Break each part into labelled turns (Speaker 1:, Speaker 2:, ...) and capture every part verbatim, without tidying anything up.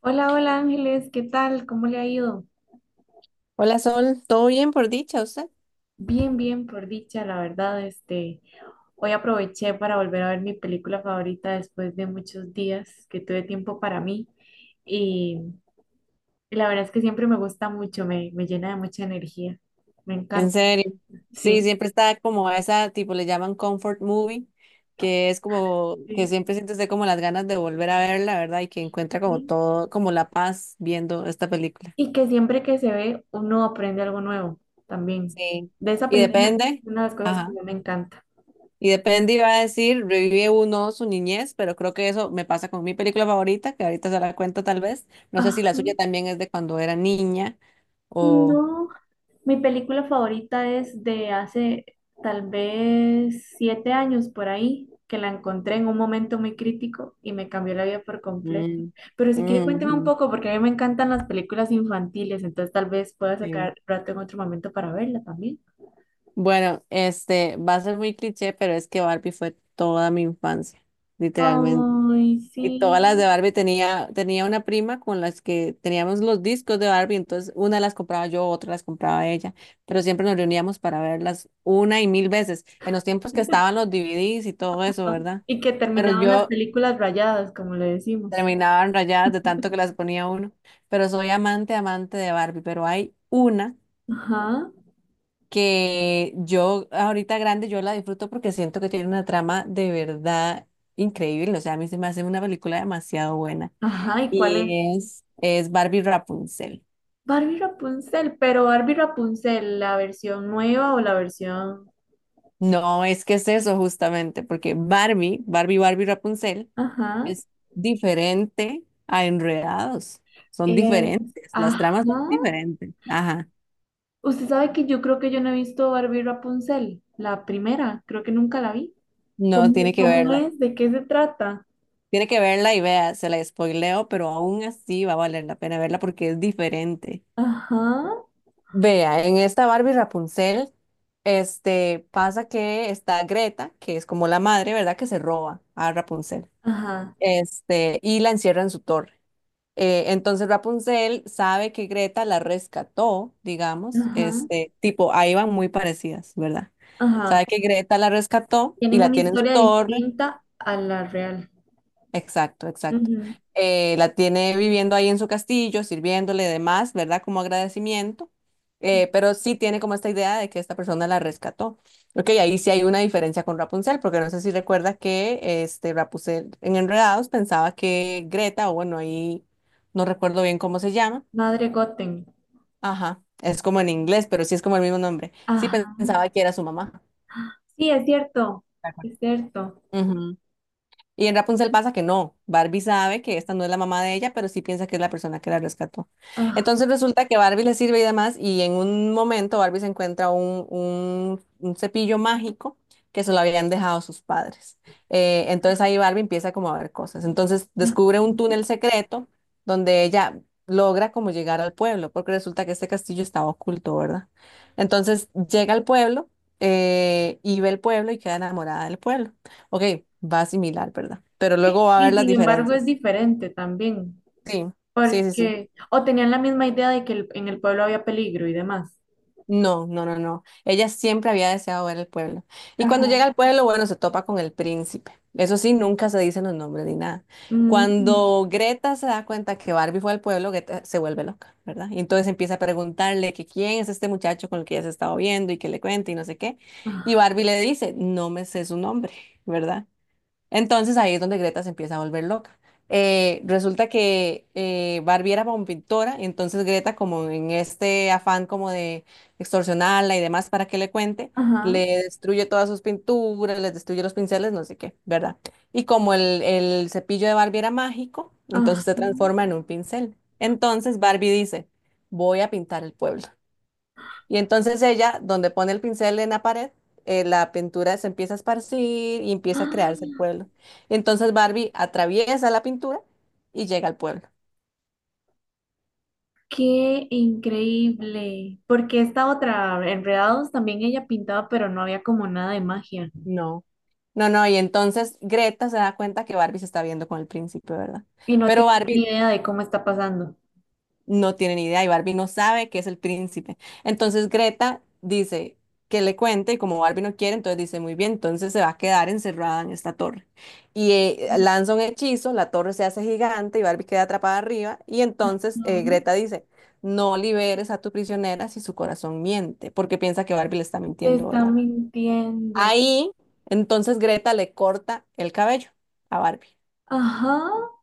Speaker 1: Hola, hola Ángeles, ¿qué tal? ¿Cómo le ha ido?
Speaker 2: Hola Sol, ¿todo bien por dicha usted?
Speaker 1: Bien, bien, por dicha, la verdad, este, hoy aproveché para volver a ver mi película favorita después de muchos días que tuve tiempo para mí y, y la verdad es que siempre me gusta mucho, me, me llena de mucha energía, me
Speaker 2: En
Speaker 1: encanta,
Speaker 2: serio. Sí,
Speaker 1: sí,
Speaker 2: siempre está como a esa, tipo le llaman comfort movie, que es como que
Speaker 1: sí,
Speaker 2: siempre siente usted como las ganas de volver a verla, ¿verdad? Y que encuentra como
Speaker 1: sí.
Speaker 2: todo, como la paz viendo esta película.
Speaker 1: Y que siempre que se ve uno aprende algo nuevo también.
Speaker 2: Sí.
Speaker 1: De esa
Speaker 2: Y
Speaker 1: película, es
Speaker 2: depende.
Speaker 1: una de las cosas que
Speaker 2: Ajá.
Speaker 1: yo me encanta.
Speaker 2: Y depende, iba a decir, revive uno su niñez, pero creo que eso me pasa con mi película favorita, que ahorita se la cuento tal vez. No sé si
Speaker 1: Ajá,
Speaker 2: la suya también es de cuando era niña o...
Speaker 1: no. Mi película favorita es de hace tal vez siete años por ahí, que la encontré en un momento muy crítico y me cambió la vida por completo.
Speaker 2: Mm,
Speaker 1: Pero si quiere cuénteme un
Speaker 2: ujú,
Speaker 1: poco, porque a mí me encantan las películas infantiles, entonces tal vez pueda
Speaker 2: sí.
Speaker 1: sacar rato en otro momento para verla también.
Speaker 2: Bueno, este, va a ser muy cliché, pero es que Barbie fue toda mi infancia, literalmente.
Speaker 1: Ay,
Speaker 2: Y todas las de
Speaker 1: sí.
Speaker 2: Barbie tenía, tenía una prima con las que teníamos los discos de Barbie, entonces una las compraba yo, otra las compraba ella, pero siempre nos reuníamos para verlas una y mil veces, en los tiempos que estaban los D V Ds y todo eso, ¿verdad?
Speaker 1: Y que
Speaker 2: Pero
Speaker 1: terminaban las
Speaker 2: yo
Speaker 1: películas rayadas, como le decimos.
Speaker 2: terminaba rayadas de tanto que las ponía uno, pero soy amante, amante de Barbie, pero hay una
Speaker 1: Ajá,
Speaker 2: que yo ahorita grande, yo la disfruto porque siento que tiene una trama de verdad increíble, o sea, a mí se me hace una película demasiado buena.
Speaker 1: ajá, ¿y cuál es?
Speaker 2: Y es, es Barbie Rapunzel.
Speaker 1: Barbie Rapunzel, pero Barbie Rapunzel, ¿la versión nueva o la versión...?
Speaker 2: No, es que es eso justamente, porque Barbie, Barbie, Barbie Rapunzel
Speaker 1: Ajá.
Speaker 2: es diferente a Enredados. Son
Speaker 1: Eh,
Speaker 2: diferentes, las
Speaker 1: ajá.
Speaker 2: tramas son diferentes. Ajá,
Speaker 1: Usted sabe que yo creo que yo no he visto Barbie Rapunzel, la primera, creo que nunca la vi.
Speaker 2: no, tiene
Speaker 1: ¿Cómo,
Speaker 2: que
Speaker 1: cómo
Speaker 2: verla.
Speaker 1: es? ¿De qué se trata?
Speaker 2: Tiene que verla y vea, se la spoileo, pero aún así va a valer la pena verla porque es diferente.
Speaker 1: Ajá,
Speaker 2: Vea, en esta Barbie Rapunzel, este, pasa que está Greta, que es como la madre, ¿verdad? Que se roba a Rapunzel.
Speaker 1: ajá,
Speaker 2: Este, y la encierra en su torre. Eh, entonces Rapunzel sabe que Greta la rescató, digamos,
Speaker 1: ajá,
Speaker 2: este, tipo, ahí van muy parecidas, ¿verdad?
Speaker 1: ajá.
Speaker 2: Sabe que Greta la rescató y
Speaker 1: Tienen
Speaker 2: la
Speaker 1: una
Speaker 2: tiene en su
Speaker 1: historia
Speaker 2: torre.
Speaker 1: distinta a la real.
Speaker 2: Exacto, exacto.
Speaker 1: Ujú.
Speaker 2: Eh, la tiene viviendo ahí en su castillo, sirviéndole y demás, ¿verdad? Como agradecimiento, eh, pero sí tiene como esta idea de que esta persona la rescató. Ok, ahí sí hay una diferencia con Rapunzel, porque no sé si recuerda que este Rapunzel en Enredados pensaba que Greta, o bueno, ahí no recuerdo bien cómo se llama,
Speaker 1: Madre Goten.
Speaker 2: ajá, es como en inglés, pero sí es como el mismo nombre, sí
Speaker 1: Ajá.
Speaker 2: pensaba que era su mamá.
Speaker 1: Sí, es cierto, es cierto.
Speaker 2: Y en Rapunzel pasa que no. Barbie sabe que esta no es la mamá de ella, pero sí piensa que es la persona que la rescató.
Speaker 1: Ah,
Speaker 2: Entonces resulta que Barbie le sirve y demás, y en un momento Barbie se encuentra un, un- un cepillo mágico que se lo habían dejado sus padres. Eh, entonces ahí Barbie empieza como a ver cosas. Entonces
Speaker 1: ah,
Speaker 2: descubre un
Speaker 1: ujú.
Speaker 2: túnel secreto donde ella logra como llegar al pueblo, porque resulta que este castillo estaba oculto, ¿verdad? Entonces llega al pueblo eh, y ve el pueblo y queda enamorada del pueblo. Ok, va similar, ¿verdad? Pero
Speaker 1: Sí,
Speaker 2: luego va a haber
Speaker 1: y
Speaker 2: las
Speaker 1: sin embargo es
Speaker 2: diferencias.
Speaker 1: diferente también,
Speaker 2: Sí, sí, sí, sí.
Speaker 1: porque o tenían la misma idea de que el- en el pueblo había peligro y demás.
Speaker 2: No, no, no, no. Ella siempre había deseado ver el pueblo. Y cuando
Speaker 1: Ajá.
Speaker 2: llega al pueblo, bueno, se topa con el príncipe. Eso sí, nunca se dicen los nombres ni nada.
Speaker 1: Mm,
Speaker 2: Cuando Greta se da cuenta que Barbie fue al pueblo, Greta se vuelve loca, ¿verdad? Y entonces empieza a preguntarle que quién es este muchacho con el que ella se estaba viendo y que le cuente y no sé qué. Y
Speaker 1: ah,
Speaker 2: Barbie le dice, no me sé su nombre, ¿verdad? Entonces ahí es donde Greta se empieza a volver loca. Eh, resulta que eh, Barbie era como pintora, y entonces Greta, como en este afán como de extorsionarla y demás para que le cuente, le
Speaker 1: ajá,
Speaker 2: destruye todas sus pinturas, les destruye los pinceles, no sé qué, ¿verdad? Y como el, el cepillo de Barbie era mágico,
Speaker 1: ajá.
Speaker 2: entonces se transforma en un pincel. Entonces Barbie dice, voy a pintar el pueblo. Y entonces ella, donde pone el pincel en la pared, eh, la pintura se empieza a esparcir y empieza a crearse el
Speaker 1: ¡Ah!
Speaker 2: pueblo. Entonces Barbie atraviesa la pintura y llega al pueblo.
Speaker 1: ¡Qué increíble! Porque esta otra, Enredados, también ella pintaba, pero no había como nada de magia.
Speaker 2: No. No, no, y entonces Greta se da cuenta que Barbie se está viendo con el príncipe, ¿verdad?
Speaker 1: Y no
Speaker 2: Pero
Speaker 1: tenía ni
Speaker 2: Barbie
Speaker 1: idea de cómo está pasando.
Speaker 2: no tiene ni idea y Barbie no sabe que es el príncipe. Entonces Greta dice que le cuente y como Barbie no quiere, entonces dice, muy bien, entonces se va a quedar encerrada en esta torre. Y eh, lanza un hechizo, la torre se hace gigante y Barbie queda atrapada arriba y entonces eh,
Speaker 1: Ujú.
Speaker 2: Greta dice, no liberes a tu prisionera si su corazón miente, porque piensa que Barbie le está
Speaker 1: Le
Speaker 2: mintiendo,
Speaker 1: está
Speaker 2: ¿verdad?
Speaker 1: mintiendo.
Speaker 2: Ahí, entonces Greta le corta el cabello a Barbie.
Speaker 1: Ajá.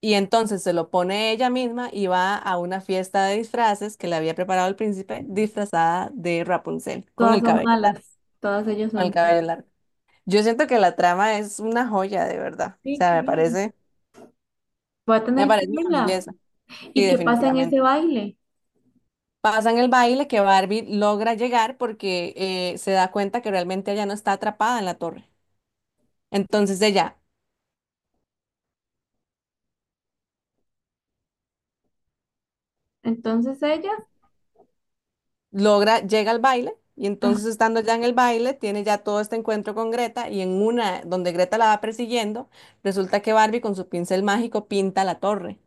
Speaker 2: Y entonces se lo pone ella misma y va a una fiesta de disfraces que le había preparado el príncipe, disfrazada de Rapunzel, con
Speaker 1: Todas
Speaker 2: el
Speaker 1: son
Speaker 2: cabello largo,
Speaker 1: malas. Todas ellas
Speaker 2: con el
Speaker 1: son malas.
Speaker 2: cabello largo. Yo siento que la trama es una joya, de verdad. O
Speaker 1: Sí,
Speaker 2: sea,
Speaker 1: qué
Speaker 2: me
Speaker 1: bien.
Speaker 2: parece,
Speaker 1: Voy a
Speaker 2: me
Speaker 1: tener que
Speaker 2: parece una
Speaker 1: verla.
Speaker 2: belleza. Sí,
Speaker 1: ¿Y qué pasa en ese
Speaker 2: definitivamente.
Speaker 1: baile?
Speaker 2: Pasan el baile que Barbie logra llegar porque eh, se da cuenta que realmente ella no está atrapada en la torre. Entonces ella
Speaker 1: Entonces ella.
Speaker 2: logra, llega al baile y entonces estando ya en el baile, tiene ya todo este encuentro con Greta y en una donde Greta la va persiguiendo, resulta que Barbie con su pincel mágico pinta la torre.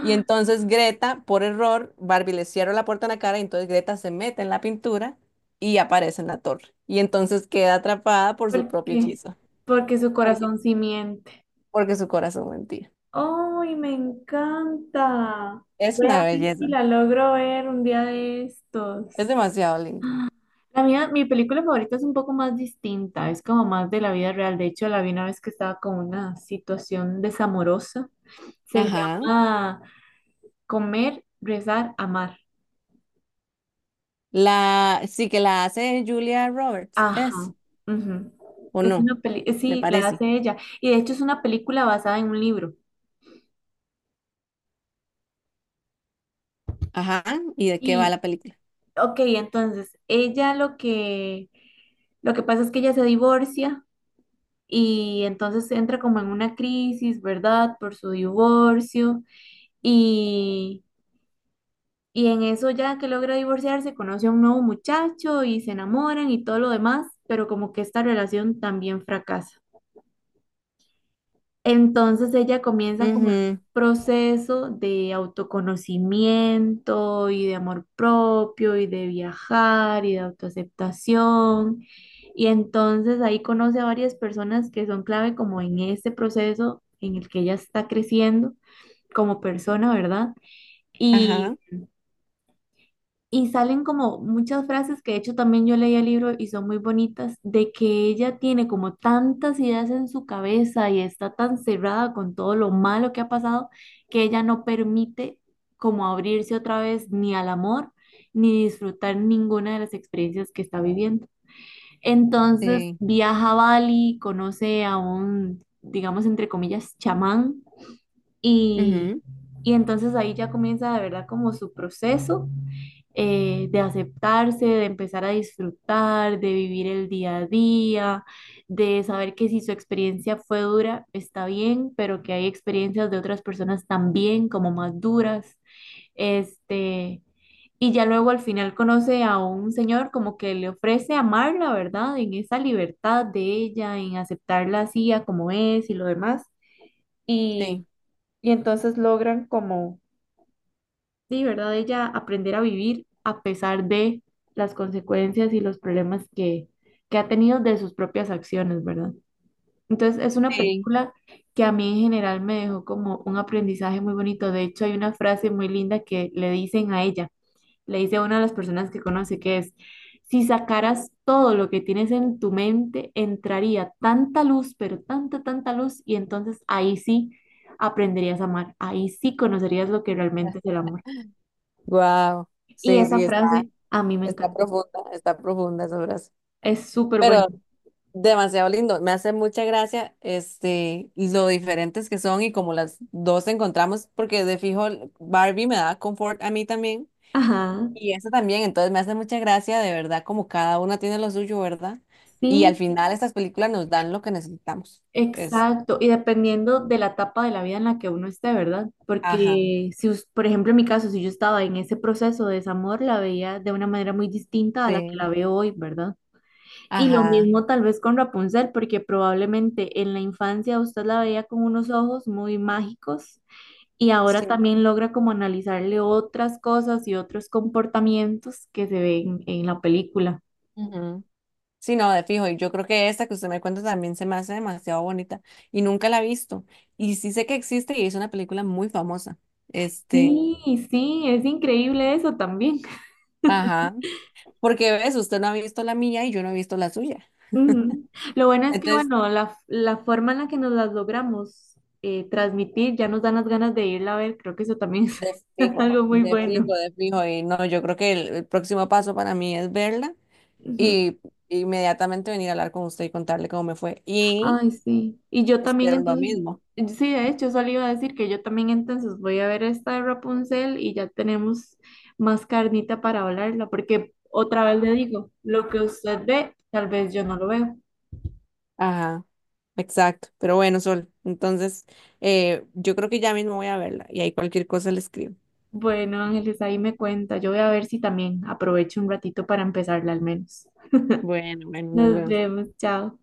Speaker 2: Y entonces Greta, por error, Barbie le cierra la puerta en la cara y entonces Greta se mete en la pintura y aparece en la torre. Y entonces queda atrapada por su
Speaker 1: ¿por
Speaker 2: propio
Speaker 1: qué?
Speaker 2: hechizo.
Speaker 1: Porque su
Speaker 2: ¿Por qué?
Speaker 1: corazón sí miente.
Speaker 2: Porque su corazón mentía.
Speaker 1: ¡Ay, me encanta!
Speaker 2: Es
Speaker 1: Voy a
Speaker 2: una
Speaker 1: ver si
Speaker 2: belleza.
Speaker 1: la logro ver un día de estos.
Speaker 2: Es demasiado linda.
Speaker 1: La mía, mi película favorita es un poco más distinta, es como más de la vida real. De hecho, la vi una vez que estaba con una situación desamorosa. Se
Speaker 2: Ajá.
Speaker 1: llama Comer, Rezar, Amar.
Speaker 2: La, sí que la hace Julia Roberts, es,
Speaker 1: Ajá. Ujú.
Speaker 2: o
Speaker 1: Es
Speaker 2: no,
Speaker 1: una peli,
Speaker 2: me
Speaker 1: sí, la
Speaker 2: parece.
Speaker 1: hace ella. Y de hecho es una película basada en un libro.
Speaker 2: Ajá, ¿y de qué va
Speaker 1: Y
Speaker 2: la película?
Speaker 1: ok, entonces ella lo que lo que pasa es que ella se divorcia y entonces entra como en una crisis, ¿verdad? Por su divorcio y y en eso ya que logra divorciarse, conoce a un nuevo muchacho y se enamoran y todo lo demás, pero como que esta relación también fracasa. Entonces ella comienza como en un
Speaker 2: Ujú,
Speaker 1: proceso de autoconocimiento y de amor propio y de viajar y de autoaceptación. Y entonces ahí conoce a varias personas que son clave como en este proceso en el que ella está creciendo como persona, ¿verdad? Y
Speaker 2: ajá,
Speaker 1: y salen como muchas frases que de hecho también yo leí el libro y son muy bonitas, de que ella tiene como tantas ideas en su cabeza y está tan cerrada con todo lo malo que ha pasado que ella no permite como abrirse otra vez ni al amor ni disfrutar ninguna de las experiencias que está viviendo. Entonces
Speaker 2: sí,
Speaker 1: viaja a Bali, conoce a un, digamos entre comillas, chamán y,
Speaker 2: ujú,
Speaker 1: y entonces ahí ya comienza de verdad como su proceso eh, de aceptarse, de empezar a disfrutar, de vivir el día a día, de saber que si su experiencia fue dura, está bien, pero que hay experiencias de otras personas también como más duras. Este, y ya luego al final conoce a un señor como que le ofrece amarla, ¿verdad? En esa libertad de ella, en aceptarla así a como es y lo demás. Y
Speaker 2: sí.
Speaker 1: y entonces logran como, sí, ¿verdad? Ella aprender a vivir a pesar de las consecuencias y los problemas que, que ha tenido de sus propias acciones, ¿verdad? Entonces es una
Speaker 2: Sí.
Speaker 1: película que a mí en general me dejó como un aprendizaje muy bonito. De hecho, hay una frase muy linda que le dicen a ella, le dice a una de las personas que conoce, que es: si sacaras todo lo que tienes en tu mente, entraría tanta luz, pero tanta, tanta luz, y entonces ahí sí aprenderías a amar, ahí sí conocerías lo que realmente es el amor.
Speaker 2: Wow.
Speaker 1: Y
Speaker 2: Sí,
Speaker 1: esa
Speaker 2: sí, está,
Speaker 1: frase a mí me
Speaker 2: está
Speaker 1: encanta,
Speaker 2: profunda, está profunda esa frase.
Speaker 1: es súper buena.
Speaker 2: Pero demasiado lindo. Me hace mucha gracia este, lo diferentes que son y como las dos encontramos, porque de fijo Barbie me da confort a mí también.
Speaker 1: Ajá,
Speaker 2: Y esa también, entonces me hace mucha gracia, de verdad, como cada una tiene lo suyo, ¿verdad? Y al
Speaker 1: sí,
Speaker 2: final estas películas nos dan lo que necesitamos. Este,
Speaker 1: exacto, y dependiendo de la etapa de la vida en la que uno esté, ¿verdad?
Speaker 2: ajá.
Speaker 1: Porque si, us- por ejemplo, en mi caso, si yo estaba en ese proceso de desamor, la veía de una manera muy distinta a la que la
Speaker 2: Sí.
Speaker 1: veo hoy, ¿verdad? Y lo
Speaker 2: Ajá,
Speaker 1: mismo tal vez con Rapunzel, porque probablemente en la infancia usted la veía con unos ojos muy mágicos y ahora
Speaker 2: sí.
Speaker 1: también logra como analizarle otras cosas y otros comportamientos que se ven en la película.
Speaker 2: Ujú. Sí, no, de fijo. Y yo creo que esta que usted me cuenta también se me hace demasiado bonita. Y nunca la he visto. Y sí sé que existe y es una película muy famosa. Este,
Speaker 1: Sí, sí, es increíble eso también.
Speaker 2: ajá. Porque ves, usted no ha visto la mía y yo no he visto la suya.
Speaker 1: Ujú. Lo bueno es que,
Speaker 2: Entonces,
Speaker 1: bueno, la, la forma en la que nos las logramos eh, transmitir ya nos dan las ganas de irla a ver. Creo que eso también es
Speaker 2: de fijo,
Speaker 1: algo muy
Speaker 2: de
Speaker 1: bueno.
Speaker 2: fijo, de fijo. Y no, yo creo que el, el próximo paso para mí es verla
Speaker 1: Ujú.
Speaker 2: y inmediatamente venir a hablar con usted y contarle cómo me fue. Y
Speaker 1: Ay, sí. Y yo también
Speaker 2: espero lo
Speaker 1: entonces,
Speaker 2: mismo.
Speaker 1: sí, de hecho, solo iba a decir que yo también entonces voy a ver esta de Rapunzel y ya tenemos más carnita para hablarla, porque otra vez le digo, lo que usted ve, tal vez yo no lo veo.
Speaker 2: Ajá. Exacto, pero bueno, Sol, entonces eh, yo creo que ya mismo voy a verla y ahí cualquier cosa le escribo.
Speaker 1: Bueno, Ángeles, ahí me cuenta. Yo voy a ver si también aprovecho un ratito para empezarla al menos.
Speaker 2: Bueno, bueno, nos
Speaker 1: Nos
Speaker 2: vemos.
Speaker 1: vemos, chao.